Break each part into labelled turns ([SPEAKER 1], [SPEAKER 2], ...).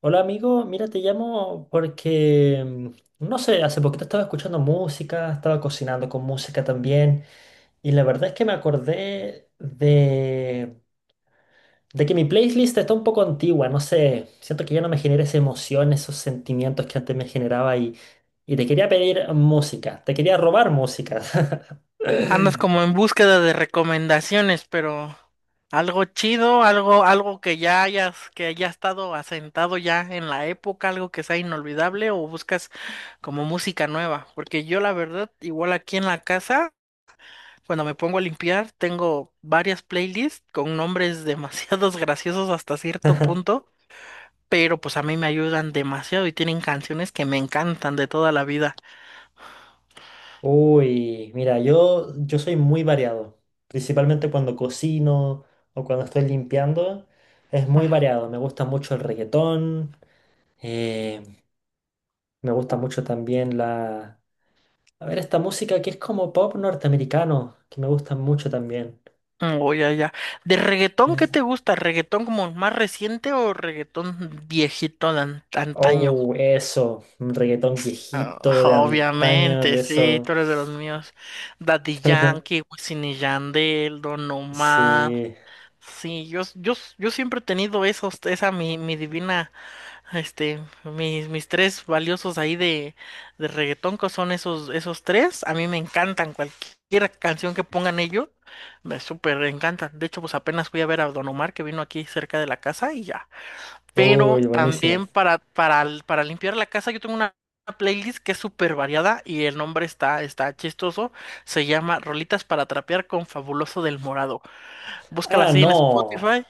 [SPEAKER 1] Hola amigo, mira, te llamo porque, no sé, hace poquito estaba escuchando música, estaba cocinando con música también, y la verdad es que de que mi playlist está un poco antigua, no sé, siento que ya no me genera esa emoción, esos sentimientos que antes me generaba y te quería pedir música, te quería robar música.
[SPEAKER 2] Andas como en búsqueda de recomendaciones, pero algo chido, algo que ya hayas, que haya estado asentado ya en la época, algo que sea inolvidable, o buscas como música nueva. Porque yo la verdad, igual aquí en la casa, cuando me pongo a limpiar, tengo varias playlists con nombres demasiados graciosos hasta cierto punto, pero pues a mí me ayudan demasiado y tienen canciones que me encantan de toda la vida.
[SPEAKER 1] Uy, mira, yo soy muy variado, principalmente cuando cocino o cuando estoy limpiando, es muy variado, me gusta mucho el reggaetón, eh, me gusta mucho también la... A ver, esta música que es como pop norteamericano, que me gusta mucho también.
[SPEAKER 2] Oh, ya, ya. ¿De reggaetón qué te
[SPEAKER 1] Eh,
[SPEAKER 2] gusta? ¿Reggaetón como más reciente o reggaetón viejito antaño?
[SPEAKER 1] oh, eso, un reggaetón
[SPEAKER 2] Ah,
[SPEAKER 1] viejito de antaño,
[SPEAKER 2] obviamente,
[SPEAKER 1] de
[SPEAKER 2] sí, tú
[SPEAKER 1] eso.
[SPEAKER 2] eres de los míos. Daddy Yankee, Wisin y Yandel, Don Omar.
[SPEAKER 1] Sí,
[SPEAKER 2] Sí, yo siempre he tenido esos, esa mi divina, mis tres valiosos ahí de reggaetón, que son esos, esos tres. A mí me encantan cualquier canción que pongan ellos, me súper encantan. De hecho, pues apenas fui a ver a Don Omar, que vino aquí cerca de la casa y ya. Pero
[SPEAKER 1] uy, buenísima.
[SPEAKER 2] también para limpiar la casa, yo tengo una playlist que es súper variada y el nombre está, está chistoso. Se llama Rolitas para Trapear con Fabuloso del Morado. Búscala
[SPEAKER 1] Ah,
[SPEAKER 2] así en
[SPEAKER 1] no.
[SPEAKER 2] Spotify.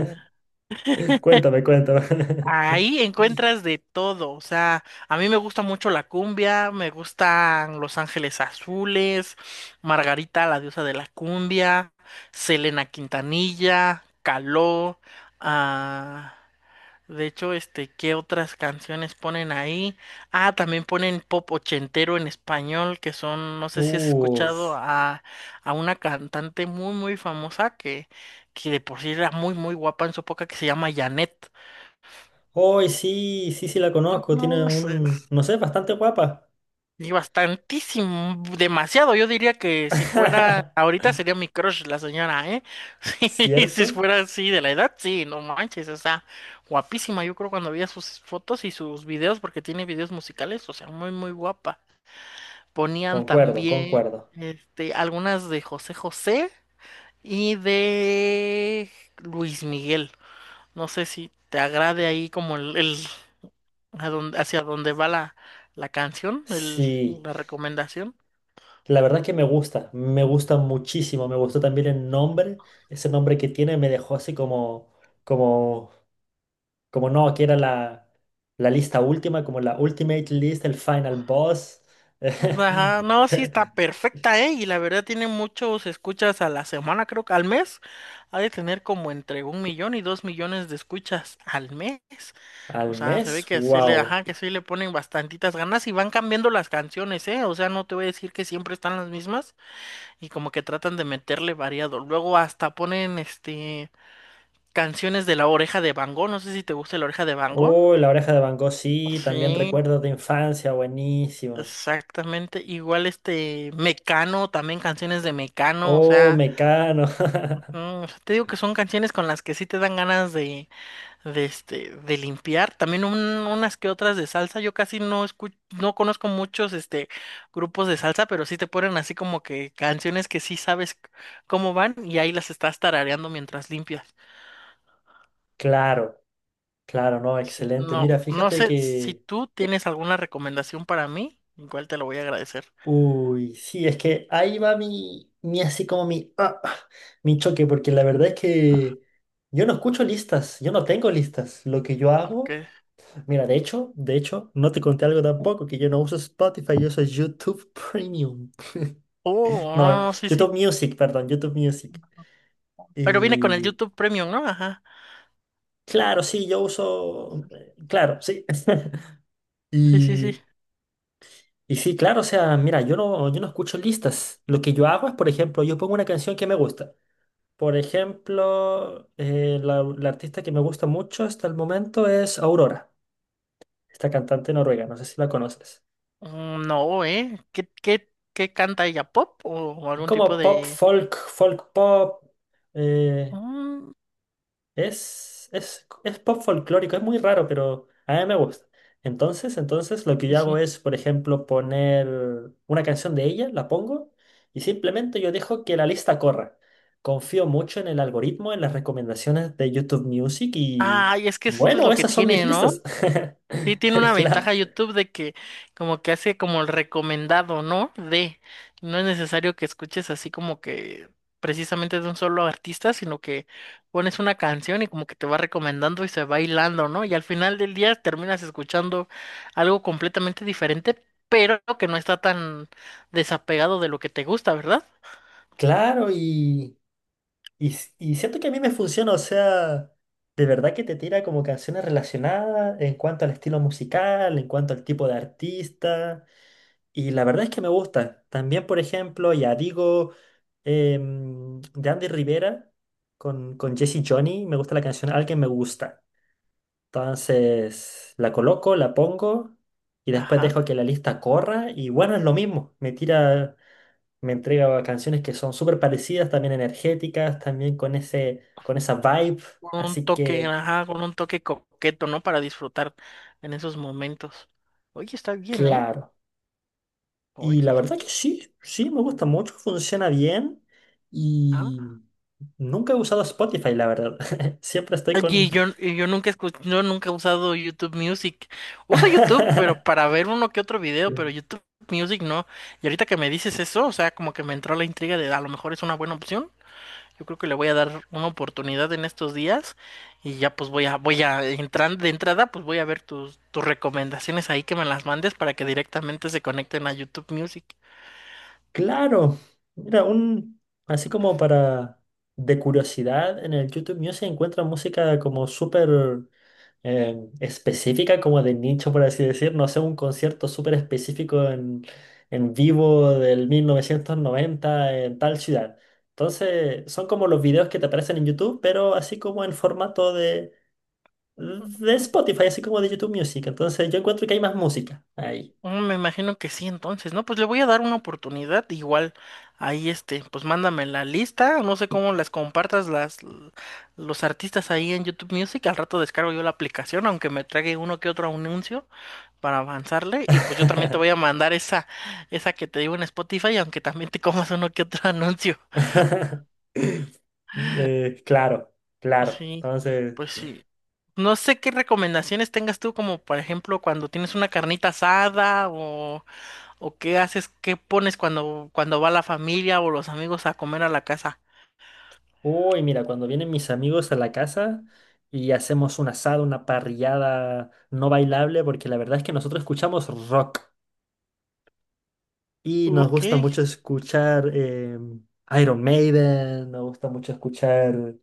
[SPEAKER 1] Cuéntame, cuéntame.
[SPEAKER 2] Ahí encuentras de todo, o sea, a mí me gusta mucho la cumbia, me gustan Los Ángeles Azules, Margarita, la diosa de la cumbia, Selena Quintanilla, Caló, ah, de hecho, ¿qué otras canciones ponen ahí? Ah, también ponen pop ochentero en español, que son, no sé si has
[SPEAKER 1] Uf.
[SPEAKER 2] escuchado a una cantante muy, muy famosa que de por sí era muy, muy guapa en su época, que se llama Janet.
[SPEAKER 1] Hoy sí, sí, sí la conozco. Tiene
[SPEAKER 2] No,
[SPEAKER 1] un, no sé, bastante guapa.
[SPEAKER 2] y bastantísimo, demasiado. Yo diría que si fuera, ahorita sería mi crush la señora, ¿eh? Sí, si
[SPEAKER 1] ¿Cierto?
[SPEAKER 2] fuera así de la edad, sí, no manches, o sea, guapísima. Yo creo cuando veía sus fotos y sus videos, porque tiene videos musicales, o sea, muy, muy guapa. Ponían
[SPEAKER 1] Concuerdo,
[SPEAKER 2] también,
[SPEAKER 1] concuerdo.
[SPEAKER 2] algunas de José José y de Luis Miguel. No sé si te agrade ahí como hacia dónde va la, la canción,
[SPEAKER 1] Sí,
[SPEAKER 2] la recomendación.
[SPEAKER 1] la verdad es que me gusta muchísimo. Me gustó también el nombre. Ese nombre que tiene me dejó así como, como, como no, que era la lista última, como la Ultimate List, el Final Boss.
[SPEAKER 2] Ajá, no, sí está perfecta, ¿eh? Y la verdad tiene muchos escuchas a la semana, creo que al mes. Ha de tener como entre un millón y dos millones de escuchas al mes. O
[SPEAKER 1] Al
[SPEAKER 2] sea, se ve
[SPEAKER 1] mes,
[SPEAKER 2] que sí le,
[SPEAKER 1] wow.
[SPEAKER 2] ajá, que sí le ponen bastantitas ganas y van cambiando las canciones, ¿eh? O sea, no te voy a decir que siempre están las mismas y como que tratan de meterle variado. Luego hasta ponen, canciones de La Oreja de Van Gogh. No sé si te gusta La Oreja de Van Gogh.
[SPEAKER 1] Oh, la oreja de Van Gogh, sí, también recuerdos de
[SPEAKER 2] Sí,
[SPEAKER 1] infancia buenísimos.
[SPEAKER 2] exactamente, igual este Mecano, también canciones de Mecano, o
[SPEAKER 1] Oh,
[SPEAKER 2] sea,
[SPEAKER 1] Mecano.
[SPEAKER 2] mm, o sea, te digo que son canciones con las que sí te dan ganas de, de limpiar, también unas que otras de salsa, yo casi no escucho, no conozco muchos este grupos de salsa, pero sí te ponen así como que canciones que sí sabes cómo van y ahí las estás tarareando mientras limpias.
[SPEAKER 1] Claro, claro, no,
[SPEAKER 2] Sí,
[SPEAKER 1] excelente.
[SPEAKER 2] No,
[SPEAKER 1] Mira,
[SPEAKER 2] no sé si tú tienes alguna recomendación para mí, igual te lo voy a agradecer.
[SPEAKER 1] uy, sí, es que ahí va mi, así como mi, mi choque, porque la verdad es que yo no escucho listas, yo no tengo listas. Lo que yo
[SPEAKER 2] Ok.
[SPEAKER 1] hago, mira, de hecho, no te conté algo tampoco, que yo no uso Spotify, yo uso YouTube Premium.
[SPEAKER 2] Oh, no,
[SPEAKER 1] No,
[SPEAKER 2] no, no, sí,
[SPEAKER 1] YouTube
[SPEAKER 2] sí.
[SPEAKER 1] Music, perdón, YouTube Music.
[SPEAKER 2] Pero viene con el
[SPEAKER 1] Y
[SPEAKER 2] YouTube Premium, ¿no? Ajá.
[SPEAKER 1] claro, sí, yo uso, claro, sí.
[SPEAKER 2] Sí, sí,
[SPEAKER 1] Y,
[SPEAKER 2] sí.
[SPEAKER 1] y sí, claro, o sea, mira, yo no escucho listas. Lo que yo hago es, por ejemplo, yo pongo una canción que me gusta. Por ejemplo, la artista que me gusta mucho hasta el momento es Aurora, esta cantante noruega, no sé si la conoces.
[SPEAKER 2] No, ¿eh? ¿Qué, qué, qué canta ella? ¿Pop o
[SPEAKER 1] Es
[SPEAKER 2] algún tipo
[SPEAKER 1] como pop,
[SPEAKER 2] de...?
[SPEAKER 1] folk, folk pop. eh,
[SPEAKER 2] Mm,
[SPEAKER 1] Es, es pop folclórico, es muy raro, pero a mí me gusta. Entonces lo que
[SPEAKER 2] sí,
[SPEAKER 1] yo hago
[SPEAKER 2] sí.
[SPEAKER 1] es, por ejemplo, poner una canción de ella, la pongo y simplemente yo dejo que la lista corra. Confío mucho en el algoritmo, en las recomendaciones de YouTube Music y
[SPEAKER 2] Ay, es que esto es
[SPEAKER 1] bueno,
[SPEAKER 2] lo que
[SPEAKER 1] esas son mis
[SPEAKER 2] tiene, ¿no?
[SPEAKER 1] listas.
[SPEAKER 2] Sí, tiene una ventaja
[SPEAKER 1] Claro,
[SPEAKER 2] YouTube de que como que hace como el recomendado, ¿no? De, no es necesario que escuches así como que precisamente de un solo artista, sino que pones una canción y como que te va recomendando y se va hilando, ¿no? Y al final del día terminas escuchando algo completamente diferente, pero que no está tan desapegado de lo que te gusta, ¿verdad?
[SPEAKER 1] claro, y Y s- y siento que a mí me funciona, o sea, de verdad que te tira como canciones relacionadas en cuanto al estilo musical, en cuanto al tipo de artista, y la verdad es que me gusta. También, por ejemplo, ya digo, de Andy Rivera con Jesse Johnny, me gusta la canción Alguien me gusta. Entonces, la coloco, la pongo, y después dejo
[SPEAKER 2] Ajá.
[SPEAKER 1] que la lista corra, y bueno, es lo mismo, me entrega canciones que son súper parecidas, también energéticas, también con con esa vibe.
[SPEAKER 2] Con un
[SPEAKER 1] Así
[SPEAKER 2] toque,
[SPEAKER 1] que,
[SPEAKER 2] ajá, con un toque coqueto, ¿no? Para disfrutar en esos momentos. Oye, está bien, ¿eh?
[SPEAKER 1] claro.
[SPEAKER 2] Oye,
[SPEAKER 1] Y la verdad
[SPEAKER 2] está-
[SPEAKER 1] que sí, sí, me gusta mucho, funciona bien
[SPEAKER 2] ajá.
[SPEAKER 1] y nunca he usado Spotify, la verdad. Siempre estoy con...
[SPEAKER 2] Oye, yo nunca escu- yo nunca he usado YouTube Music. Uso YouTube, pero para ver uno que otro video, pero YouTube Music no. Y ahorita que me dices eso, o sea, como que me entró la intriga de a lo mejor es una buena opción. Yo creo que le voy a dar una oportunidad en estos días y ya pues voy a entrar de entrada, pues voy a ver tus recomendaciones ahí que me las mandes para que directamente se conecten a YouTube Music.
[SPEAKER 1] Claro, mira, un, así como para de curiosidad, en el YouTube Music encuentro música como súper específica, como de nicho, por así decir. No sé, un concierto súper específico en vivo del 1990 en tal ciudad. Entonces, son como los videos que te aparecen en YouTube, pero así como en de Spotify, así como de YouTube Music. Entonces, yo encuentro que hay más música ahí.
[SPEAKER 2] Me imagino que sí, entonces, ¿no? Pues le voy a dar una oportunidad, igual ahí pues mándame la lista, no sé cómo las compartas los artistas ahí en YouTube Music, al rato descargo yo la aplicación, aunque me trague uno que otro anuncio para avanzarle, y pues yo también te voy a mandar esa, esa que te digo en Spotify, aunque también te comas uno que otro anuncio.
[SPEAKER 1] Eh, claro, claro.
[SPEAKER 2] Sí,
[SPEAKER 1] Entonces,
[SPEAKER 2] pues sí. No sé qué recomendaciones tengas tú, como por ejemplo cuando tienes una carnita asada o ¿o qué haces? ¿Qué pones cuando, cuando va la familia o los amigos a comer a la casa?
[SPEAKER 1] uy, mira, cuando vienen mis amigos a la casa y hacemos un asado, una parrillada no bailable, porque la verdad es que nosotros escuchamos rock y nos
[SPEAKER 2] Ok,
[SPEAKER 1] gusta mucho escuchar Iron Maiden, nos gusta mucho escuchar...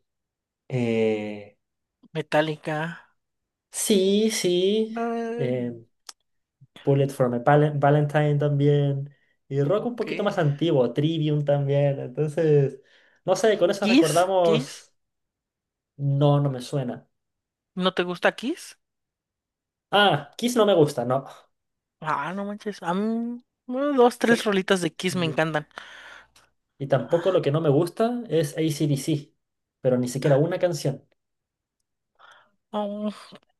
[SPEAKER 1] eh,
[SPEAKER 2] Metallica.
[SPEAKER 1] sí, sí,
[SPEAKER 2] eh,
[SPEAKER 1] eh, Bullet for My Palen- Valentine también, y rock un
[SPEAKER 2] ok.
[SPEAKER 1] poquito más antiguo, Trivium también, entonces, no sé, con eso
[SPEAKER 2] Kiss, Kiss.
[SPEAKER 1] recordamos... No, no me suena.
[SPEAKER 2] ¿No te gusta Kiss?
[SPEAKER 1] Ah, Kiss no me gusta, no.
[SPEAKER 2] Ah, no manches. A mí, bueno, dos, tres rolitas de Kiss me
[SPEAKER 1] Y,
[SPEAKER 2] encantan.
[SPEAKER 1] y tampoco lo que no me gusta es AC/DC, pero ni siquiera una canción.
[SPEAKER 2] Ah,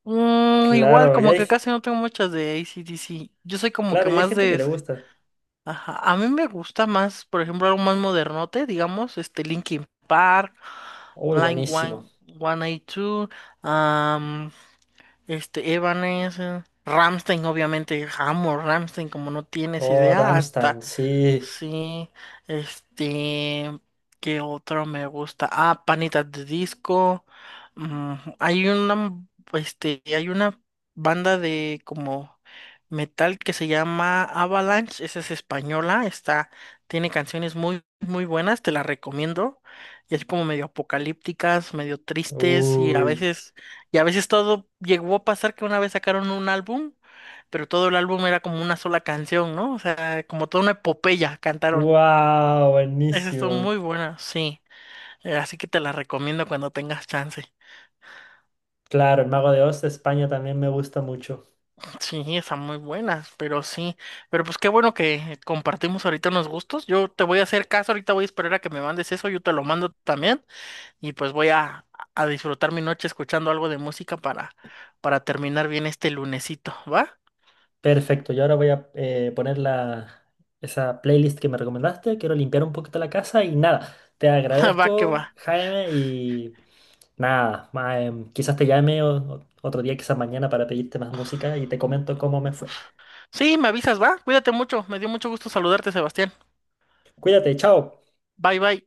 [SPEAKER 2] igual,
[SPEAKER 1] Claro,
[SPEAKER 2] como que casi no tengo muchas de AC/DC. Yo soy como que
[SPEAKER 1] claro, y hay
[SPEAKER 2] más
[SPEAKER 1] gente que
[SPEAKER 2] de
[SPEAKER 1] le gusta.
[SPEAKER 2] ajá. A mí me gusta más, por ejemplo, algo más modernote, digamos, este Linkin Park,
[SPEAKER 1] Uy,
[SPEAKER 2] Blind
[SPEAKER 1] buenísimo.
[SPEAKER 2] One, 182, am, este Evanescence, Ramstein, obviamente, amo Ramstein, como no tienes
[SPEAKER 1] Oh,
[SPEAKER 2] idea, hasta
[SPEAKER 1] Rammstein, sí.
[SPEAKER 2] sí, este, ¿qué otro me gusta? Ah, Panitas de Disco. Hay una, hay una banda de como metal que se llama Avalanche, esa es española, está, tiene canciones muy, muy buenas, te las recomiendo. Y así como medio apocalípticas, medio tristes
[SPEAKER 1] Uy.
[SPEAKER 2] y a veces todo llegó a pasar que una vez sacaron un álbum pero todo el álbum era como una sola canción, ¿no? O sea, como toda una epopeya cantaron.
[SPEAKER 1] Wow,
[SPEAKER 2] Esa estuvo
[SPEAKER 1] buenísimo.
[SPEAKER 2] muy buena, sí. Así que te la recomiendo cuando tengas chance.
[SPEAKER 1] Claro, el Mago de Oz de España también me gusta mucho.
[SPEAKER 2] Sí, están muy buenas, pero sí. Pero pues qué bueno que compartimos ahorita unos gustos. Yo te voy a hacer caso, ahorita voy a esperar a que me mandes eso, yo te lo mando también. Y pues voy a disfrutar mi noche escuchando algo de música para terminar bien este lunesito, ¿va?
[SPEAKER 1] Perfecto, yo ahora voy a esa playlist que me recomendaste. Quiero limpiar un poquito la casa y nada, te
[SPEAKER 2] Va que va.
[SPEAKER 1] agradezco, Jaime, y... Nada, quizás te llame otro día, quizás mañana para pedirte más música y te comento cómo me fue.
[SPEAKER 2] Sí, me avisas, ¿va? Cuídate mucho. Me dio mucho gusto saludarte, Sebastián.
[SPEAKER 1] Cuídate, chao.
[SPEAKER 2] Bye, bye.